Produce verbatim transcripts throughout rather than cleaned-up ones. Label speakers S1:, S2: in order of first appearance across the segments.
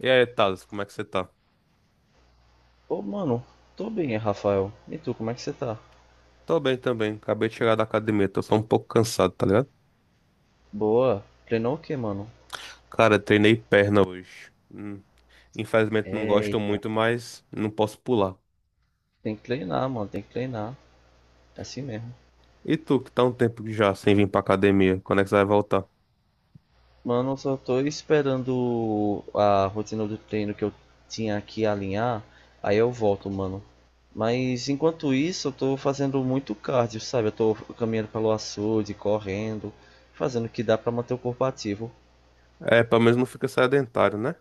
S1: E aí, Thales, como é que você tá?
S2: Ô, mano, tô bem, Rafael. E tu, como é que você tá?
S1: Tô bem também. Acabei de chegar da academia, tô só um pouco cansado, tá ligado?
S2: Boa. Treinou o quê, mano?
S1: Cara, treinei perna hoje. Hum, Infelizmente não gosto
S2: Eita.
S1: muito, mas não posso pular.
S2: Tem que treinar, mano, tem que treinar. É assim mesmo.
S1: E tu, que tá um tempo já sem vir pra academia, quando é que você vai voltar?
S2: Mano, eu só tô esperando a rotina do treino que eu tinha aqui alinhar. Aí eu volto, mano. Mas enquanto isso, eu tô fazendo muito cardio, sabe? Eu tô caminhando pelo açude, correndo, fazendo o que dá pra manter o corpo ativo.
S1: É, pelo menos não fica sedentário, né?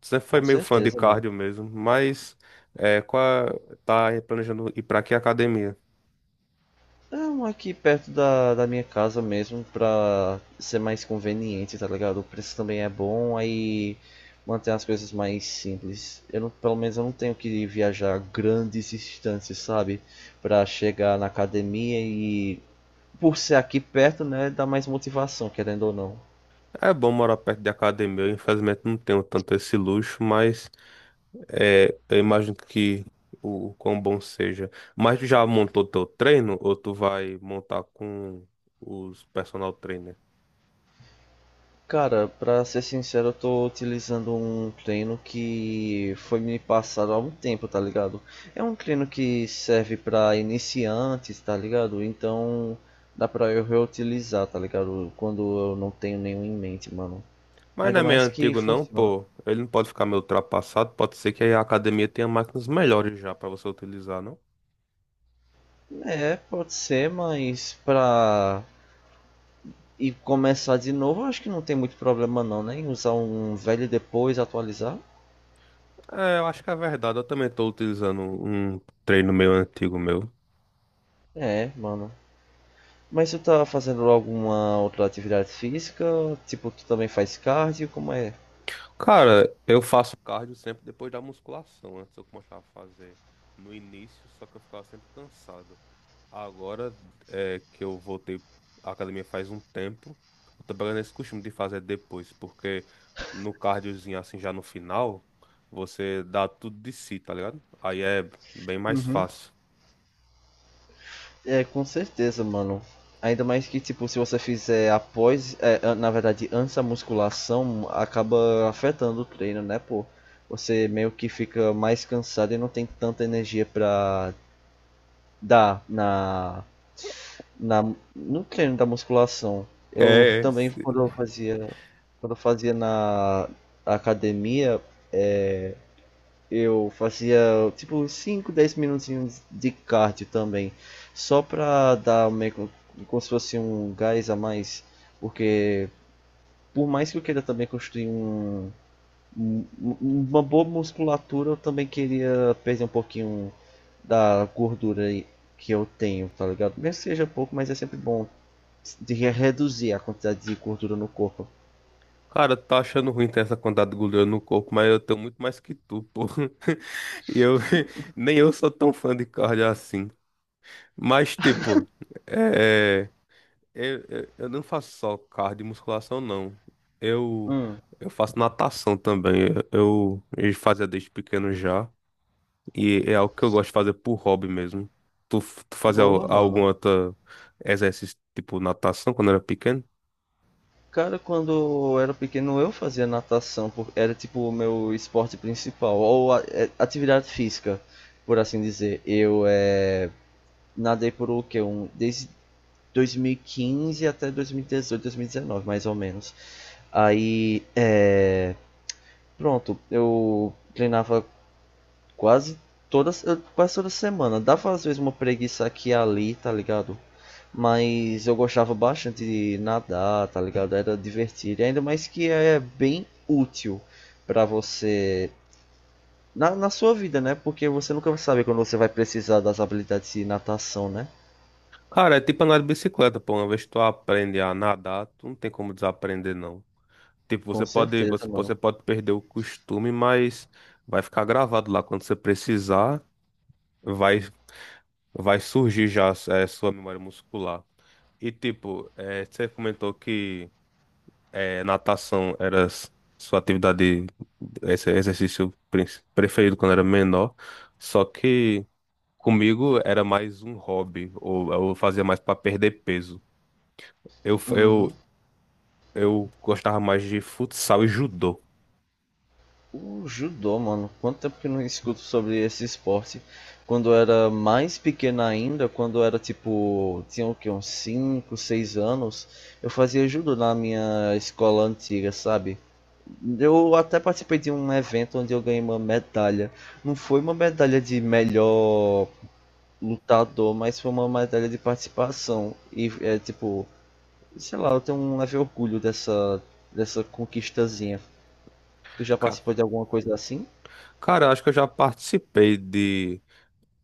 S1: Sempre foi
S2: Com
S1: meio fã de
S2: certeza, mano.
S1: cardio mesmo, mas é, qual é- tá planejando ir pra que academia?
S2: É um aqui perto da, da minha casa mesmo, pra ser mais conveniente, tá ligado? O preço também é bom, aí mantém as coisas mais simples. Eu não, pelo menos eu não tenho que viajar grandes distâncias, sabe? Pra chegar na academia e por ser aqui perto, né, dá mais motivação, querendo ou não.
S1: É bom morar perto de academia, eu, infelizmente não tenho tanto esse luxo, mas é, eu imagino que o quão bom seja. Mas tu já montou teu treino ou tu vai montar com os personal trainer?
S2: Cara, pra ser sincero, eu tô utilizando um treino que foi me passado há algum tempo, tá ligado? É um treino que serve pra iniciantes, tá ligado? Então dá pra eu reutilizar, tá ligado? Quando eu não tenho nenhum em mente, mano.
S1: Mas não
S2: Ainda
S1: é meio
S2: mais que
S1: antigo não,
S2: funciona.
S1: pô. Ele não pode ficar meio ultrapassado, pode ser que a academia tenha máquinas melhores já pra você utilizar, não?
S2: É, pode ser, mas pra e começar de novo, eu acho que não tem muito problema não, né? Em usar um velho e depois atualizar.
S1: É, eu acho que é verdade. Eu também tô utilizando um treino meu antigo meu.
S2: É, mano. Mas tu tá fazendo alguma outra atividade física? Tipo, tu também faz cardio? Como é?
S1: Cara, eu faço cardio sempre depois da musculação. Antes eu começava a fazer no início, só que eu ficava sempre cansado. Agora, é, que eu voltei à academia faz um tempo, eu tô pegando esse costume de fazer depois, porque no cardiozinho, assim, já no final, você dá tudo de si, tá ligado? Aí é bem mais
S2: Uhum.
S1: fácil.
S2: É, com certeza, mano. Ainda mais que, tipo, se você fizer após, é, an- na verdade, antes da musculação, acaba afetando o treino, né, pô? Você meio que fica mais cansado e não tem tanta energia pra dar na, na, no treino da musculação. Eu
S1: É.
S2: também, quando eu fazia, quando eu fazia na academia, é, eu fazia tipo cinco dez minutinhos de cardio também, só pra dar meio que- como se fosse um gás a mais, porque por mais que eu queira também construir um, um- um, uma boa musculatura, eu também queria perder um pouquinho da gordura aí que eu tenho, tá ligado? Mesmo que seja pouco, mas é sempre bom de re- reduzir a quantidade de gordura no corpo.
S1: Cara, tá achando ruim ter essa quantidade de gordura no corpo, mas eu tenho muito mais que tu, pô. E eu, nem eu sou tão fã de cardio assim. Mas, tipo, é, é, eu, eu eu não faço só cardio e musculação, não. Eu,
S2: Hum,
S1: eu faço natação também. Eu, eu fazia desde pequeno já. E é algo que eu gosto de fazer por hobby mesmo. Tu, tu fazia
S2: boa,
S1: al- algum
S2: mano.
S1: outro exercício, tipo natação, quando era pequeno?
S2: Cara, quando eu era pequeno eu fazia natação, por- era tipo o meu esporte principal, ou a- é, atividade física, por assim dizer. Eu é, nadei por o quê? Um, desde dois mil e quinze até dois mil e dezoito, dois mil e dezenove, mais ou menos. Aí, é, pronto, eu treinava quase todas, quase toda semana. Dava às vezes uma preguiça aqui e ali, tá ligado? Mas eu gostava bastante de nadar, tá ligado? Era divertido. Ainda mais que é bem útil pra você na, na sua vida, né? Porque você nunca vai saber quando você vai precisar das habilidades de natação, né?
S1: Cara, é tipo andar de bicicleta, pô. Uma vez que tu aprende a nadar, tu não tem como desaprender, não. Tipo, você
S2: Com
S1: pode, você,
S2: certeza,
S1: você
S2: mano.
S1: pode perder o costume, mas vai ficar gravado lá. Quando você precisar, vai, vai surgir já, é, sua memória muscular. E tipo, eh, você comentou que eh, natação era s- sua atividade, esse exercício prin- preferido quando era menor. Só que comigo era mais um hobby, ou eu fazia mais para perder peso. Eu, f- eu,
S2: Uhum.
S1: Eu gostava mais de futsal e judô.
S2: O judô, mano, quanto tempo que eu não escuto sobre esse esporte? Quando eu era mais pequena ainda, quando eu era tipo, tinha o que uns cinco, seis anos, eu fazia judô na minha escola antiga, sabe? Eu até participei de um evento onde eu ganhei uma medalha. Não foi uma medalha de melhor lutador, mas foi uma medalha de participação. E é tipo, sei lá, eu tenho um leve orgulho dessa, dessa conquistazinha. Tu já
S1: Ca-
S2: participou de alguma coisa assim?
S1: Cara, eu acho que eu já participei de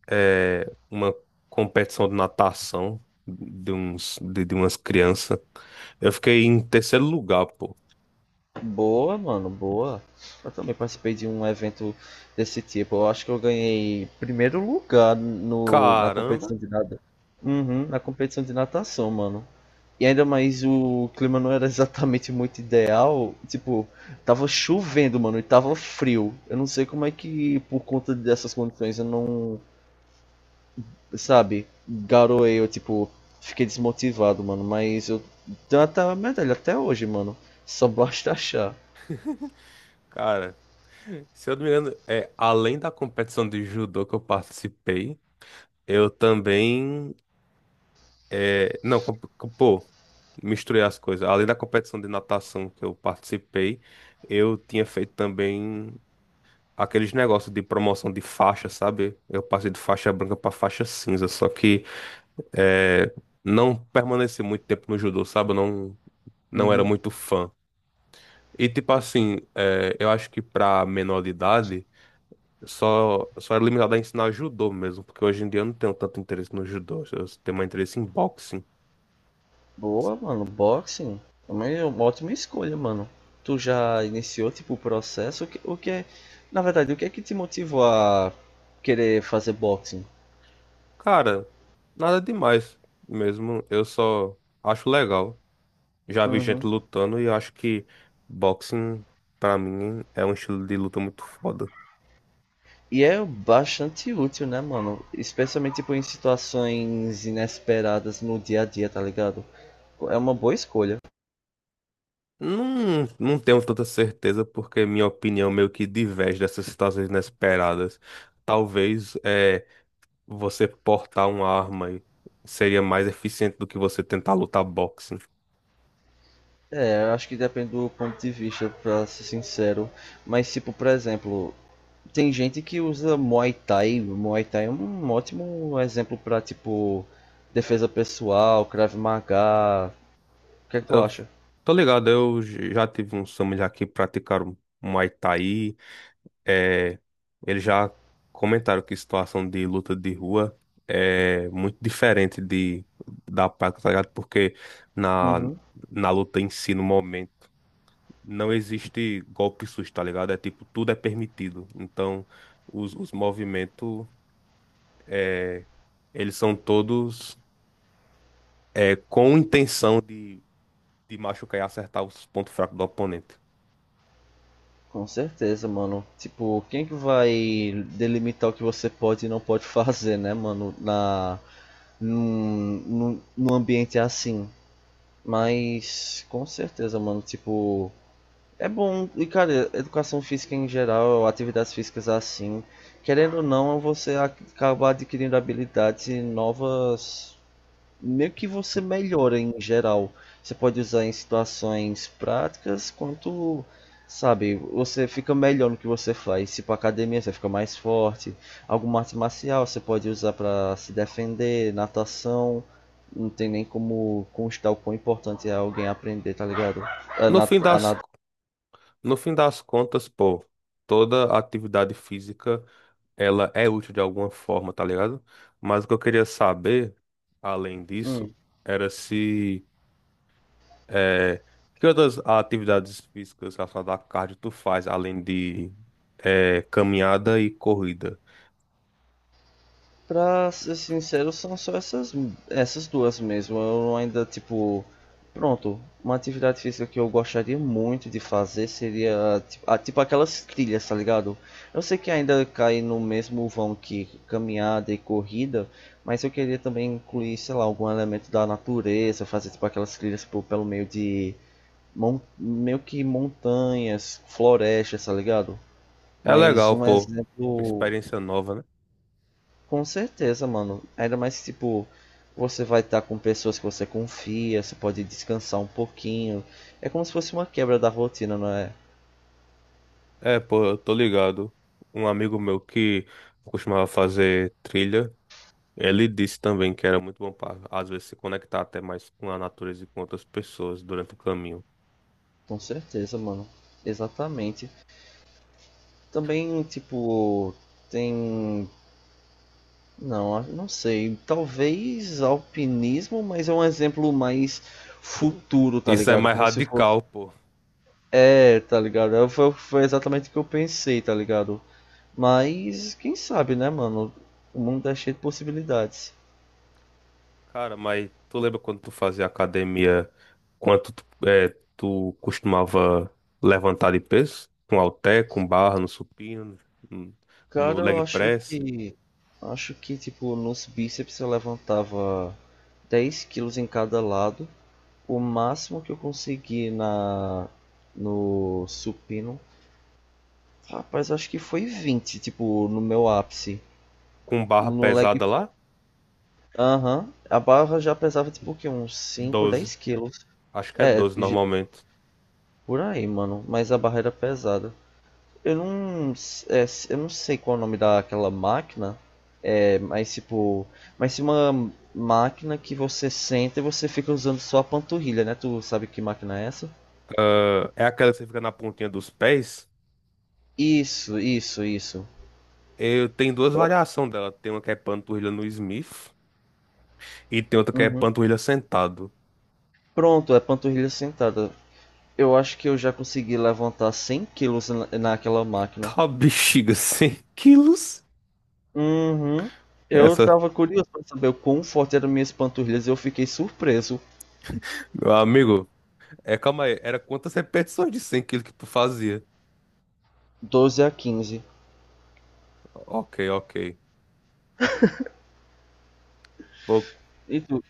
S1: eh, uma competição de natação de, uns, de, de umas crianças. Eu fiquei em terceiro lugar, pô.
S2: Boa, mano, boa. Eu também participei de um evento desse tipo. Eu acho que eu ganhei primeiro lugar no, na
S1: Caramba,
S2: competição de nada. Uhum, na competição de natação, mano. E ainda mais o clima não era exatamente muito ideal. Tipo, tava chovendo, mano, e tava frio. Eu não sei como é que, por conta dessas condições, eu não, sabe, garoei, eu, tipo, fiquei desmotivado, mano. Mas eu tenho até a medalha até hoje, mano. Só basta achar.
S1: cara. Se eu não me engano, é, além da competição de judô que eu participei, eu também. Eh, não, com- com- pô, misturei as coisas. Além da competição de natação que eu participei, eu tinha feito também aqueles negócios de promoção de faixa, sabe? Eu passei de faixa branca pra faixa cinza, só que, é, não permaneci muito tempo no judô, sabe? Eu não, não era
S2: Uhum.
S1: muito fã. E tipo assim, é, eu acho que pra menor de idade, só, só era limitado a ensinar judô mesmo, porque hoje em dia eu não tenho tanto interesse no judô, eu tenho mais interesse em boxing.
S2: Boa, mano. Boxing. Também é uma ótima escolha, mano. Tu já iniciou, tipo, o processo? O que, o que é... Na verdade, o que é que te motivou a querer fazer boxing?
S1: Cara, nada demais mesmo, eu só acho legal. Já vi gente
S2: Uhum.
S1: lutando e eu acho que boxing, pra mim, é um estilo de luta muito foda.
S2: E é bastante útil, né, mano? Especialmente, tipo, em situações inesperadas no dia a dia, tá ligado? É uma boa escolha.
S1: Não, não tenho tanta certeza, porque minha opinião meio que diverge dessas situações inesperadas. Talvez, é, você portar uma arma e- seria mais eficiente do que você tentar lutar boxing.
S2: É, eu acho que depende do ponto de vista, pra ser sincero. Mas, tipo, por exemplo, tem gente que usa Muay Thai. Muay Thai é um ótimo exemplo pra, tipo, defesa pessoal, Krav Maga. O que é que tu
S1: Eu
S2: acha?
S1: tô ligado, eu j- já tive uns família que praticaram Muay Thai. É, eles já comentaram que situação de luta de rua é muito diferente de, da prática, tá ligado? Porque na,
S2: Uhum.
S1: na luta em si, no momento, não existe golpe susto, tá ligado? É tipo, tudo é permitido. Então, os, os movimentos, é, eles são todos, é, com intenção de, de machucar e acertar os pontos fracos do oponente.
S2: Com certeza, mano. Tipo, quem é que vai delimitar o que você pode e não pode fazer, né, mano? Na, num, num, num ambiente assim. Mas, com certeza, mano. Tipo, é bom, e cara, educação física em geral, atividades físicas assim, querendo ou não, você acaba adquirindo habilidades novas, meio que você melhora em geral. Você pode usar em situações práticas, quanto, sabe, você fica melhor no que você faz. Se pra academia você fica mais forte, alguma arte marcial você pode usar pra se defender, natação, não tem nem como constar o quão importante é alguém aprender, tá ligado? A
S1: No
S2: nat
S1: fim
S2: a
S1: das
S2: nat-
S1: No fim das contas, pô, toda atividade física, ela é útil de alguma forma, tá ligado? Mas o que eu queria saber, além disso,
S2: hum.
S1: era se, eh, que outras atividades físicas relacionadas à cardio tu faz, além de, eh, caminhada e corrida?
S2: Pra ser sincero, são só essas, essas duas mesmo. Eu ainda, tipo. Pronto, uma atividade física que eu gostaria muito de fazer seria tipo, ah, tipo aquelas trilhas, tá ligado? Eu sei que ainda cai no mesmo vão que caminhada e corrida, mas eu queria também incluir, sei lá, algum elemento da natureza, fazer tipo aquelas trilhas tipo, pelo meio de mon- meio que montanhas, florestas, tá ligado?
S1: É
S2: Mas
S1: legal,
S2: um
S1: pô, uma
S2: exemplo
S1: experiência nova, né?
S2: com certeza, mano. Ainda mais que, tipo, você vai estar com pessoas que você confia, você pode descansar um pouquinho. É como se fosse uma quebra da rotina, não é?
S1: É, pô, eu tô ligado. Um amigo meu que costumava fazer trilha, ele disse também que era muito bom para, às vezes, se conectar até mais com a natureza e com outras pessoas durante o caminho.
S2: Com certeza, mano. Exatamente. Também, tipo, tem. Não, não sei. Talvez alpinismo, mas é um exemplo mais futuro, tá
S1: Isso é
S2: ligado?
S1: mais
S2: Como se fosse.
S1: radical, pô.
S2: É, tá ligado? É, Foi, foi exatamente o que eu pensei, tá ligado? Mas, quem sabe, né, mano? O mundo é cheio de possibilidades.
S1: Cara, mas tu lembra quando tu fazia academia, quanto tu, é, tu costumava levantar de peso? Com halter, com barra, no supino, no no
S2: Cara,
S1: leg
S2: eu acho
S1: press,
S2: que. Acho que, tipo, nos bíceps eu levantava dez quilos em cada lado. O máximo que eu consegui na. No supino. Rapaz, acho que foi vinte tipo, no meu ápice.
S1: com barra
S2: No leg.
S1: pesada lá?
S2: Aham. A barra já pesava, tipo, o quê? Uns cinco
S1: Doze,
S2: dez quilos.
S1: Acho que é
S2: É,
S1: doze
S2: ge-
S1: normalmente.
S2: por aí, mano. Mas a barra era pesada. Eu não. s- é, s- eu não sei qual é o nome daquela máquina. É, mas tipo, mas se uma máquina que você senta e você fica usando só a panturrilha, né? Tu sabe que máquina é essa?
S1: É é aquela que você fica na pontinha dos pés.
S2: Isso, isso, isso.
S1: Eu tenho duas variações dela. Tem uma que é panturrilha no Smith e tem outra que é
S2: Uhum.
S1: panturrilha sentado.
S2: Pronto, é panturrilha sentada. Eu acho que eu já consegui levantar cem quilos na- naquela máquina.
S1: Tá bexiga, cem quilos?
S2: Uhum. Eu
S1: Essa,
S2: tava curioso pra saber o quão forte eram minhas panturrilhas e eu fiquei surpreso.
S1: meu amigo, é, calma aí, era quantas repetições de cem quilos que tu fazia?
S2: doze a quinze.
S1: Ok, ok. Pô,
S2: E tu?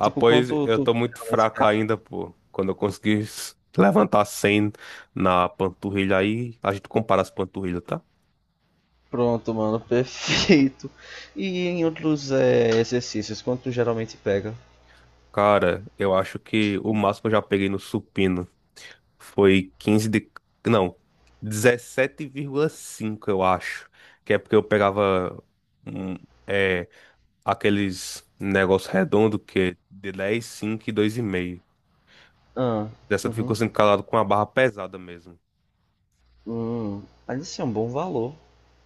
S2: Tipo, quanto
S1: eu
S2: tu
S1: tô muito
S2: geralmente
S1: fraca ainda, pô. Quando eu conseguir s- levantar cem na panturrilha aí, a gente compara as panturrilhas, tá?
S2: pronto, mano, perfeito. E em outros é, exercícios, quanto geralmente pega?
S1: Cara, eu acho que o máximo que eu já peguei no supino foi quinze de. Não, dezessete vírgula cinco, eu acho. Que é porque eu pegava hum, é, aqueles negócios redondos que é de dez, cinco e dois e meio.
S2: Ah, uhum.
S1: dezessete vírgula cinco calado com a barra pesada mesmo.
S2: Hum, mas isso é um bom valor.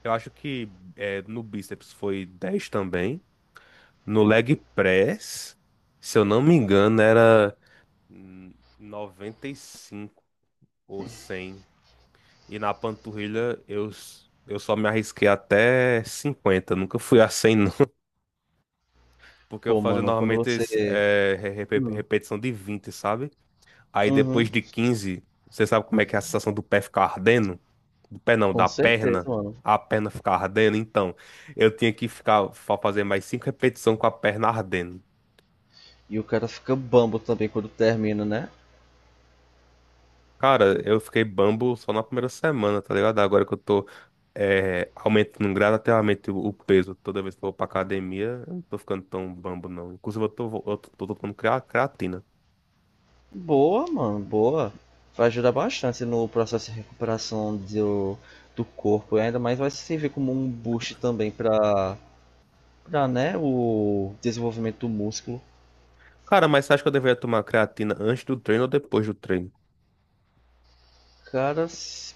S1: Eu acho que, é, no bíceps foi dez também. No leg press, se eu não me engano, era, hum, noventa e cinco ou cem. E na panturrilha eu, s- eu só me arrisquei até cinquenta, nunca fui a cem, não. Porque eu
S2: Pô,
S1: fazia
S2: mano, quando
S1: normalmente es-
S2: você.
S1: eh, re- repe-
S2: Hum,
S1: repetição de vinte, sabe? Aí depois
S2: uhum,
S1: de quinze você sabe como é que é a sensação do pé ficar ardendo? Do pé não,
S2: com
S1: da
S2: certeza,
S1: perna.
S2: mano.
S1: A perna ficar ardendo. Então, eu tinha que ficar fa- fazer mais cinco repetições com a perna ardendo.
S2: E o cara fica bambo também quando termina, né?
S1: Cara, eu fiquei bambo só na primeira semana, tá ligado? Agora que eu tô, é, aumentando gradativamente o o peso toda vez que eu vou pra academia, eu não tô ficando tão bambo, não. Inclusive, eu tô, eu tô, tô tomando crea- creatina.
S2: Boa, mano, boa. Vai ajudar bastante no processo de recuperação do, do corpo. E ainda mais vai servir como um boost também pra, pra, né, o desenvolvimento do músculo.
S1: Cara, mas você acha que eu deveria tomar creatina antes do treino ou depois do treino?
S2: Cara,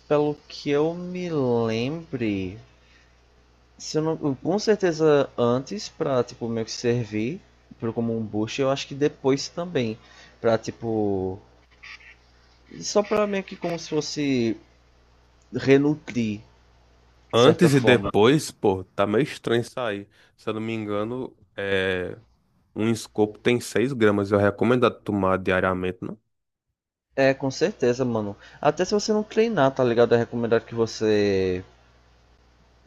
S2: pelo que eu me lembre, se eu não, com certeza antes pra tipo meio que servir pro como um boost, eu acho que depois também pra tipo só pra meio que como se fosse renutrir de certa
S1: Antes e
S2: forma.
S1: depois, pô, tá meio estranho isso aí. Se eu não me engano, é, um escopo tem seis gramas. Eu recomendo tomar diariamente, não?
S2: É, com certeza, mano. Até se você não treinar, tá ligado? É recomendado que você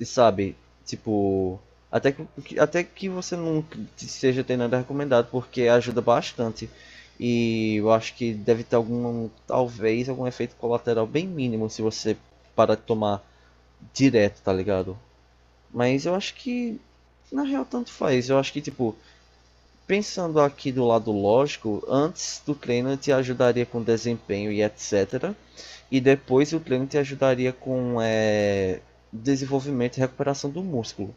S2: sabe, tipo, até que, até que você não seja ter nada recomendado, porque ajuda bastante. E eu acho que deve ter algum, talvez, algum efeito colateral bem mínimo se você parar de tomar direto, tá ligado? Mas eu acho que, na real, tanto faz. Eu acho que, tipo, pensando aqui do lado lógico, antes do treino te ajudaria com desempenho e etcétera. E depois o treino te ajudaria com é, desenvolvimento e recuperação do músculo.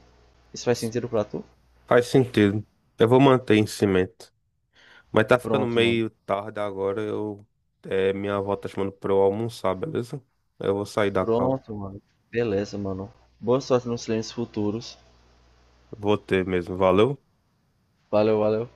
S2: Isso faz sentido pra tu?
S1: Faz sentido. Eu vou manter em cima. Mas tá ficando
S2: Pronto, mano.
S1: meio tarde agora. Eu, é, minha avó tá chamando pra eu almoçar, beleza? Eu vou sair da cal.
S2: Pronto, mano. Beleza, mano. Boa sorte nos treinos futuros.
S1: Vou ter mesmo. Valeu.
S2: Valeu, valeu.